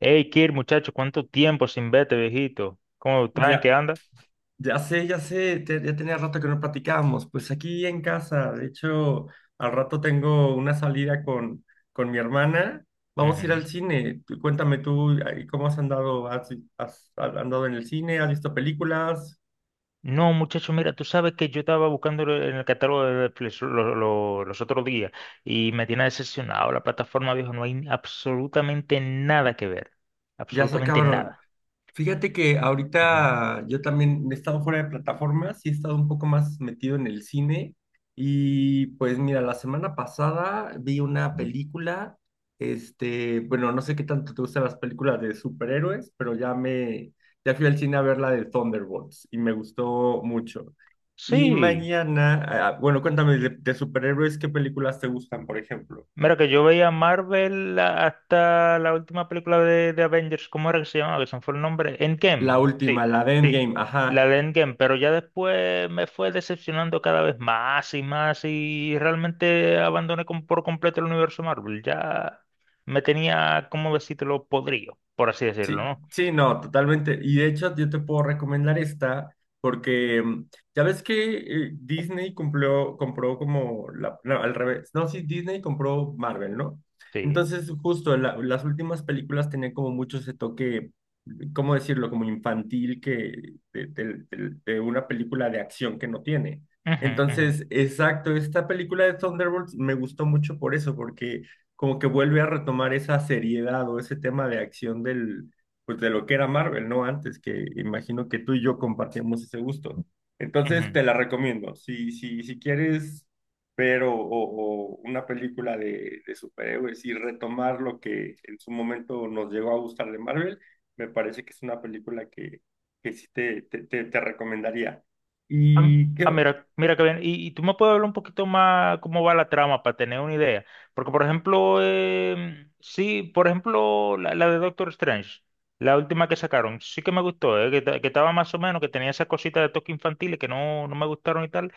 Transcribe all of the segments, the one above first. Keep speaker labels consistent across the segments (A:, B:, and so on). A: Hey, Kir, muchacho, ¿cuánto tiempo sin verte, viejito? ¿Cómo estás? ¿En qué
B: Ya,
A: anda?
B: ya sé, ya sé, ya tenía rato que no platicábamos. Pues aquí en casa, de hecho, al rato tengo una salida con mi hermana. Vamos a ir al
A: Ujú.
B: cine. Cuéntame tú, ay, ¿cómo has andado? ¿Has andado en el cine? ¿Has visto películas?
A: No, muchacho, mira, tú sabes que yo estaba buscando en el catálogo de Netflix los otros días y me tiene decepcionado la plataforma, viejo. No hay absolutamente nada que ver.
B: Ya se
A: Absolutamente
B: acabaron.
A: nada.
B: Fíjate que
A: Ujú.
B: ahorita yo también he estado fuera de plataformas y he estado un poco más metido en el cine. Y pues mira, la semana pasada vi una película, bueno, no sé qué tanto te gustan las películas de superhéroes, pero ya fui al cine a ver la de Thunderbolts y me gustó mucho. Y
A: Sí.
B: mañana, ah, ah, bueno, cuéntame de superhéroes, ¿qué películas te gustan, por ejemplo?
A: Mira que yo veía Marvel hasta la última película de Avengers, ¿cómo era que se llamaba? Que se me fue el nombre. Endgame.
B: La
A: Sí,
B: última, la de
A: sí,
B: Endgame,
A: la
B: ajá.
A: de Endgame, pero ya después me fue decepcionando cada vez más y más y realmente abandoné por completo el universo Marvel. Ya me tenía, como decírtelo, podrido, por así decirlo,
B: Sí,
A: ¿no?
B: sí, no, totalmente. Y de hecho, yo te puedo recomendar esta porque ya ves que Disney cumplió, compró como la, no, al revés. No, sí, Disney compró Marvel, ¿no?
A: Sí.
B: Entonces, justo las últimas películas tenían como mucho ese toque, ¿cómo decirlo? Como infantil que de, de una película de acción que no tiene.
A: Ujú, ujú,
B: Entonces, exacto, esta película de Thunderbolts me gustó mucho por eso, porque como que vuelve a retomar esa seriedad o ese tema de acción del pues de lo que era Marvel, ¿no? Antes que imagino que tú y yo compartíamos ese gusto. Entonces
A: ujú.
B: te la recomiendo. Si quieres ver o, o una película de, superhéroes y retomar lo que en su momento nos llegó a gustar de Marvel, me parece que es una película que, sí te recomendaría.
A: Ah,
B: Y
A: ah,
B: qué,
A: mira, mira que bien. Y tú me puedes hablar un poquito más cómo va la trama para tener una idea. Porque, por ejemplo, sí, por ejemplo, la de Doctor Strange, la última que sacaron, sí que me gustó, que estaba más o menos, que tenía esas cositas de toque infantiles que no, no me gustaron y tal.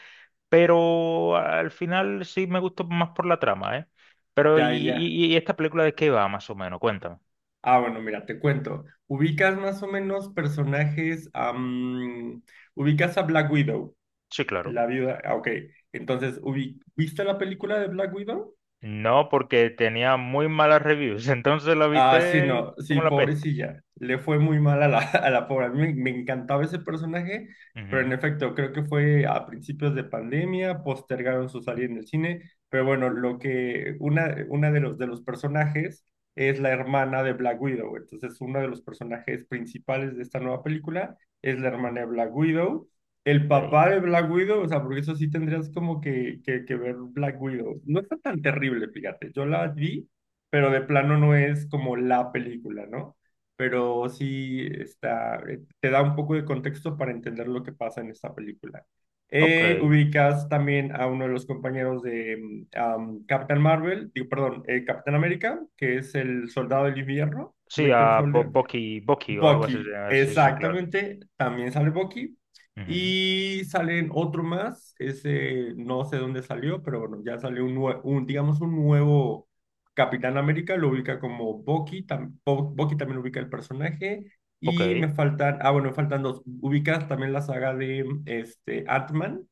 A: Pero al final sí me gustó más por la trama, ¿eh? Pero, ¿y,
B: ya, ya.
A: y, y esta película de qué va más o menos? Cuéntame.
B: Ah, bueno, mira, te cuento. Ubicas más o menos personajes, ubicas a Black Widow.
A: Sí, claro.
B: La viuda, ah, ok. Entonces, ¿viste la película de Black Widow?
A: No, porque tenía muy malas reviews, entonces la
B: Ah, sí,
A: viste
B: no,
A: como
B: sí,
A: la peste.
B: pobrecilla. Le fue muy mal a la, a la pobre. A mí me, encantaba ese personaje, pero en
A: Ujú,
B: efecto, creo que fue a principios de pandemia, postergaron su salida en el cine, pero bueno, lo que una, de los personajes es la hermana de Black Widow, entonces uno de los personajes principales de esta nueva película es la hermana de Black Widow. El
A: ok.
B: papá de Black Widow, o sea, porque eso sí tendrías como que ver Black Widow. No está tan terrible, fíjate. Yo la vi pero de plano no es como la película, ¿no? Pero sí está, te da un poco de contexto para entender lo que pasa en esta película.
A: Ok.
B: Ubicas también a uno de los compañeros de Captain Marvel, digo, perdón, Capitán América, que es el soldado del invierno,
A: Sí,
B: Winter
A: a
B: Soldier.
A: Bucky, Bucky o algo así se
B: Bucky,
A: llama. Sí, sí, sí, claro.
B: exactamente, también sale Bucky.
A: Ujú.
B: Y salen otro más, ese no sé dónde salió, pero bueno, ya salió un digamos, un nuevo Capitán América, lo ubica como Bucky, Bucky también ubica el personaje.
A: Ok.
B: Y me faltan, ah, bueno, me faltan dos. Ubicas también la saga de Ant-Man.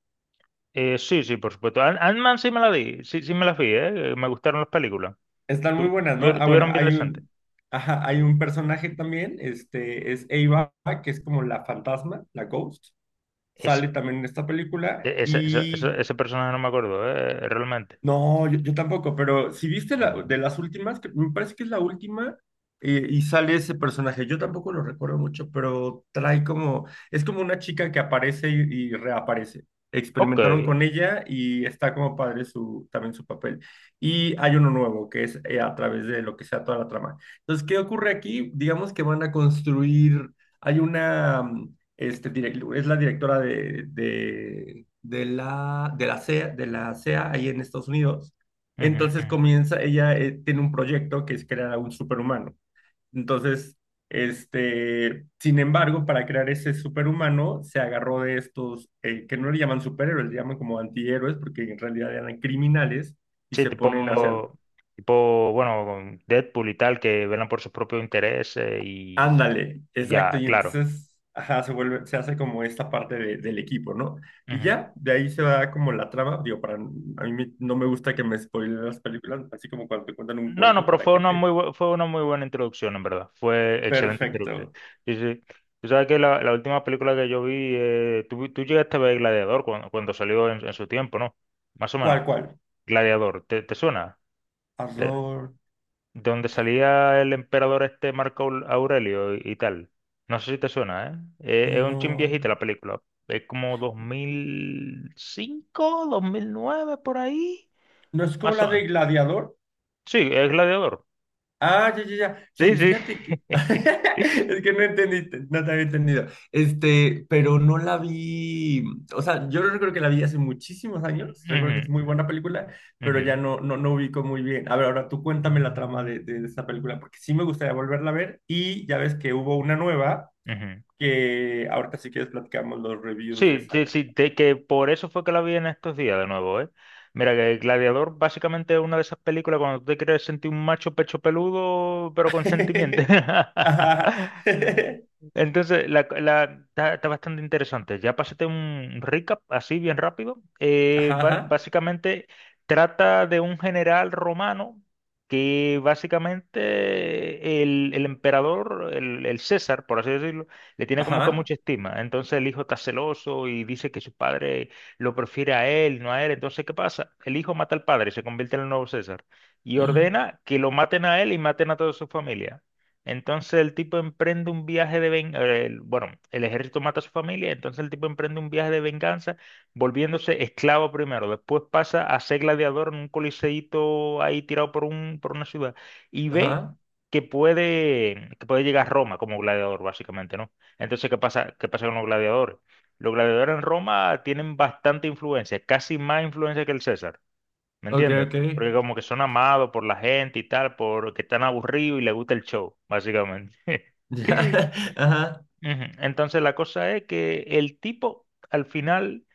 A: Sí, sí, por supuesto. Ant-Man sí me la vi, sí, sí me la vi, ¿eh? Me gustaron las películas.
B: Están muy
A: Tu-
B: buenas, ¿no? Ah, bueno,
A: Tuvieron bien
B: hay
A: decente.
B: un, ajá, hay un personaje también, es Ava, que es como la fantasma, la Ghost.
A: Ese,
B: Sale también en esta película y
A: Ese personaje no me acuerdo, ¿eh? Realmente.
B: no, yo, tampoco, pero si viste la, de las últimas, que me parece que es la última, y sale ese personaje, yo tampoco lo recuerdo mucho, pero trae como, es como una chica que aparece y reaparece.
A: Ok.
B: Experimentaron
A: Ujú,
B: con ella y está como padre su, también su papel. Y hay uno nuevo que es a través de lo que sea toda la trama. Entonces, ¿qué ocurre aquí? Digamos que van a construir, hay una, es la directora de de la CEA, de la CEA ahí en Estados Unidos.
A: ujú.
B: Entonces comienza, ella tiene un proyecto que es crear a un superhumano. Entonces, sin embargo, para crear ese superhumano, se agarró de estos, que no le llaman superhéroes, le llaman como antihéroes, porque en realidad eran criminales y
A: Sí,
B: se ponen a hacer.
A: tipo, tipo, bueno, con Deadpool y tal, que velan por sus propios intereses
B: Ándale,
A: y
B: exacto.
A: ya,
B: Y
A: claro.
B: entonces, ajá, se vuelve, se hace como esta parte del equipo, ¿no? Y ya, de ahí se va como la trama. Digo, para, a mí no me gusta que me spoilen las películas, así como cuando te cuentan un
A: No, no,
B: cuento
A: pero
B: para
A: fue
B: que
A: una
B: te...
A: fue una muy buena introducción, en verdad. Fue excelente introducción.
B: Perfecto.
A: Sí, sí. Tú sabes que la última película que yo vi, tú llegaste a ver Gladiador cuando, cuando salió en su tiempo, ¿no? Más o
B: ¿Cuál,
A: menos.
B: cuál?
A: Gladiador, ¿te, te suena? De,
B: Horror.
A: de donde salía el emperador este Marco Aurelio y tal. No sé si te suena, ¿eh? Es un chin
B: No.
A: viejita la película. Es como 2005, 2009, por ahí.
B: ¿No es como
A: Más
B: la
A: o menos.
B: de Gladiador?
A: Sí, es Gladiador.
B: Ah, ya, ya, ya.
A: Sí,
B: Sí,
A: sí.
B: fíjate que es que no entendiste, no te había entendido. Pero no la vi, o sea, yo recuerdo que la vi hace muchísimos años, recuerdo que es muy
A: Ujú,
B: buena película, pero
A: ujú,
B: ya no ubico muy bien. A ver, ahora tú cuéntame la trama de, esa película, porque sí me gustaría volverla a ver y ya ves que hubo una nueva
A: ujú.
B: que ahorita si quieres platicamos los reviews de
A: Sí,
B: esa.
A: sí, sí, que por eso fue que la vi en estos días de nuevo, ¿eh? Mira, que Gladiador básicamente es una de esas películas cuando tú te quieres sentir un macho pecho peludo, pero con sentimiento.
B: Ajá,
A: Entonces, está, está bastante interesante. Ya pásate un recap así bien rápido.
B: ajá,
A: Básicamente trata de un general romano que básicamente el emperador, el César, por así decirlo, le tiene como que
B: ajá,
A: mucha estima. Entonces el hijo está celoso y dice que su padre lo prefiere a él, no a él. Entonces, ¿qué pasa? El hijo mata al padre, se convierte en el nuevo César y
B: ajá,
A: ordena que lo maten a él y maten a toda su familia. Entonces el tipo emprende un viaje de venganza, bueno, el ejército mata a su familia, entonces el tipo emprende un viaje de venganza volviéndose esclavo primero, después pasa a ser gladiador en un coliseíto ahí tirado por un, por una ciudad y ve
B: ajá,
A: que puede llegar a Roma como gladiador, básicamente, ¿no? Entonces, ¿qué pasa? ¿Qué pasa con los gladiadores? Los gladiadores en Roma tienen bastante influencia, casi más influencia que el César, ¿me
B: ok,
A: entiendes?
B: ok.
A: Porque como que son amados por la gente y tal, porque están aburridos y les gusta el show, básicamente.
B: Ya, ajá,
A: Ujú. Entonces la cosa es que el tipo al final,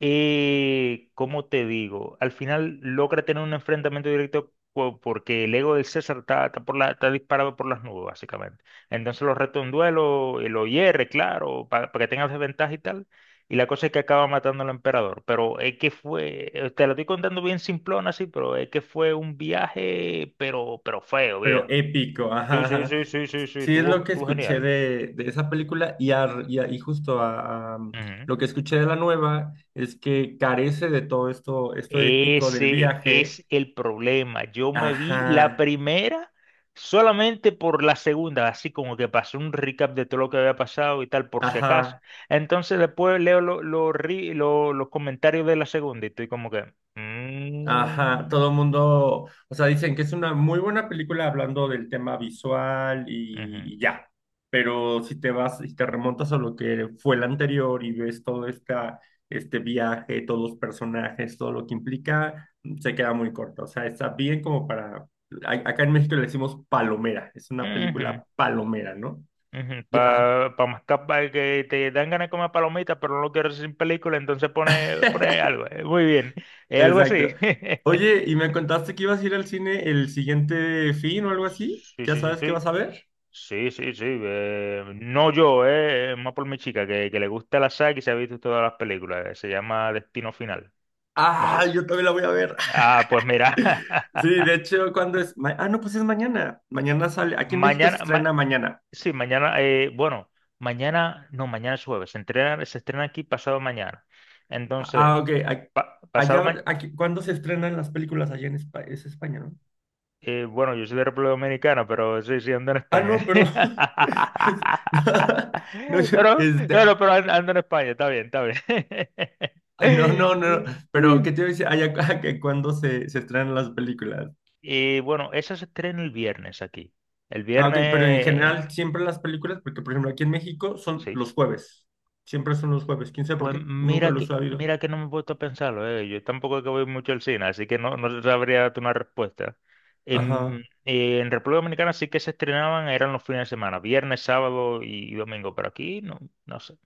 A: ¿cómo te digo? Al final logra tener un enfrentamiento directo porque el ego del César está, está por la, está disparado por las nubes, básicamente. Entonces lo reta a un duelo, y lo hierre, claro, para que tenga desventaja y tal. Y la cosa es que acaba matando al emperador. Pero es que fue, te lo estoy contando bien simplón así, pero es que fue un viaje, pero feo,
B: pero
A: viejo.
B: épico,
A: Sí,
B: ajá,
A: sí,
B: ajá.
A: sí, sí, sí, sí,
B: Sí, es lo
A: estuvo,
B: que
A: estuvo
B: escuché
A: genial.
B: de, esa película y justo a lo que escuché de la nueva es que carece de todo esto, épico del
A: Ese
B: viaje.
A: es el problema. Yo me vi la
B: Ajá,
A: primera solamente por la segunda, así como que pasé un recap de todo lo que había pasado y tal, por si acaso.
B: ajá.
A: Entonces después leo los comentarios de la segunda y estoy como que...
B: Ajá, todo
A: "Mm,
B: el mundo, o sea, dicen que es una muy buena película hablando del tema visual
A: ujú,
B: y ya, pero si te vas y te remontas a lo que fue la anterior y ves todo este viaje, todos los personajes, todo lo que implica, se queda muy corta, o sea, está bien como para, acá en México le decimos palomera, es una
A: ujú,
B: película palomera, ¿no?
A: ujú".
B: Ya.
A: Pa, pa que te dan ganas de comer palomitas, pero no lo quieres sin película, entonces pone, pone algo. Muy bien. Es algo así.
B: Exacto. Oye, ¿y me contaste que ibas a ir al cine el siguiente fin o algo así?
A: Sí,
B: ¿Ya
A: sí, sí,
B: sabes qué
A: sí.
B: vas a ver?
A: Sí, sí, sí. No yo, es más por mi chica, que le gusta la saga y se ha visto todas las películas. Se llama Destino Final. No
B: Ah,
A: sé.
B: yo también la voy a ver.
A: Ah, pues mira.
B: Sí, de hecho, ¿cuándo es? No, pues es mañana. Mañana sale. Aquí en México se
A: Mañana,
B: estrena mañana.
A: sí, mañana, bueno, mañana, no, mañana es jueves. Se estrena aquí pasado mañana.
B: Ah, ah,
A: Entonces,
B: ok.
A: pasado
B: Allá,
A: mañana.
B: aquí, ¿cuándo se estrenan las películas allá en España? Es España, ¿no?
A: Bueno, yo soy de República Dominicana, pero sí, sí, ando en
B: Ah,
A: España.
B: no, perdón. Pues, no,
A: Pero, no, no, pero ando en España, está bien, está bien.
B: ay, no, no, no. No, pero ¿qué te iba a decir? Allá, que ¿cuándo se estrenan las películas?
A: Y bueno, esa se estrena el viernes aquí. El
B: Ah, ok. Pero en
A: viernes,
B: general, siempre las películas, porque, por ejemplo, aquí en México son
A: sí.
B: los jueves. Siempre son los jueves. ¿Quién sabe por
A: Pues
B: qué? Nunca lo he sabido.
A: mira que no me he puesto a pensarlo, eh. Yo tampoco es que voy mucho al cine, así que no, no sabría darte una respuesta.
B: Ajá.
A: En República Dominicana sí que se estrenaban, eran los fines de semana, viernes, sábado y domingo, pero aquí no, no sé.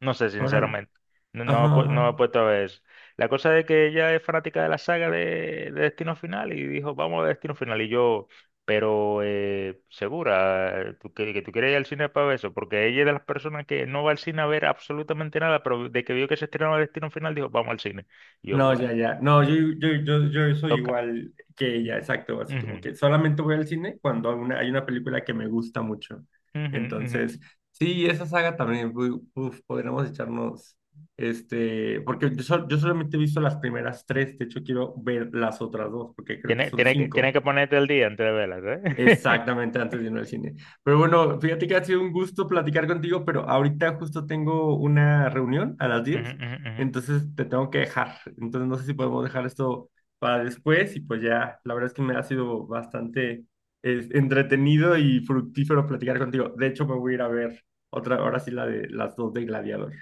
A: No sé,
B: Ahora.
A: sinceramente. No, no,
B: Ajá, ajá.
A: no he puesto a ver eso. La cosa de que ella es fanática de la saga de Destino Final y dijo, vamos a Destino Final. Y yo, pero segura, ¿tú, que tú quieres ir al cine para ver eso, porque ella es de las personas que no va al cine a ver absolutamente nada, pero de que vio que se estrenaba Destino Final, dijo, vamos al cine. Y yo,
B: No,
A: bueno,
B: ya, ya. No, yo,
A: eh,
B: yo, yo, yo soy
A: toca.
B: igual que ella, exacto. Así como que solamente voy al cine cuando hay una película que me gusta mucho.
A: Ujú, ujú, ujú.
B: Entonces, sí, esa saga también, uf, podríamos echarnos, porque yo solamente he visto las primeras tres, de hecho quiero ver las otras dos, porque creo que
A: Tiene,
B: son
A: tiene
B: cinco.
A: que ponerte el día antes de verla, ¿eh?
B: Exactamente, antes de irme al cine. Pero bueno, fíjate que ha sido un gusto platicar contigo, pero ahorita justo tengo una reunión a las
A: Ujú,
B: 10,
A: ujú, ujú.
B: entonces te tengo que dejar. Entonces no sé si podemos dejar esto para después y pues ya, la verdad es que me ha sido bastante entretenido y fructífero platicar contigo. De hecho, me voy a ir a ver otra, ahora sí la de las dos de Gladiador.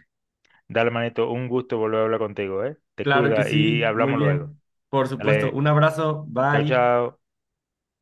A: Dale, manito, un gusto volver a hablar contigo, ¿eh? Te
B: Claro que
A: cuida y
B: sí, muy
A: hablamos luego.
B: bien. Por supuesto,
A: Dale,
B: un abrazo,
A: chao,
B: bye.
A: chao.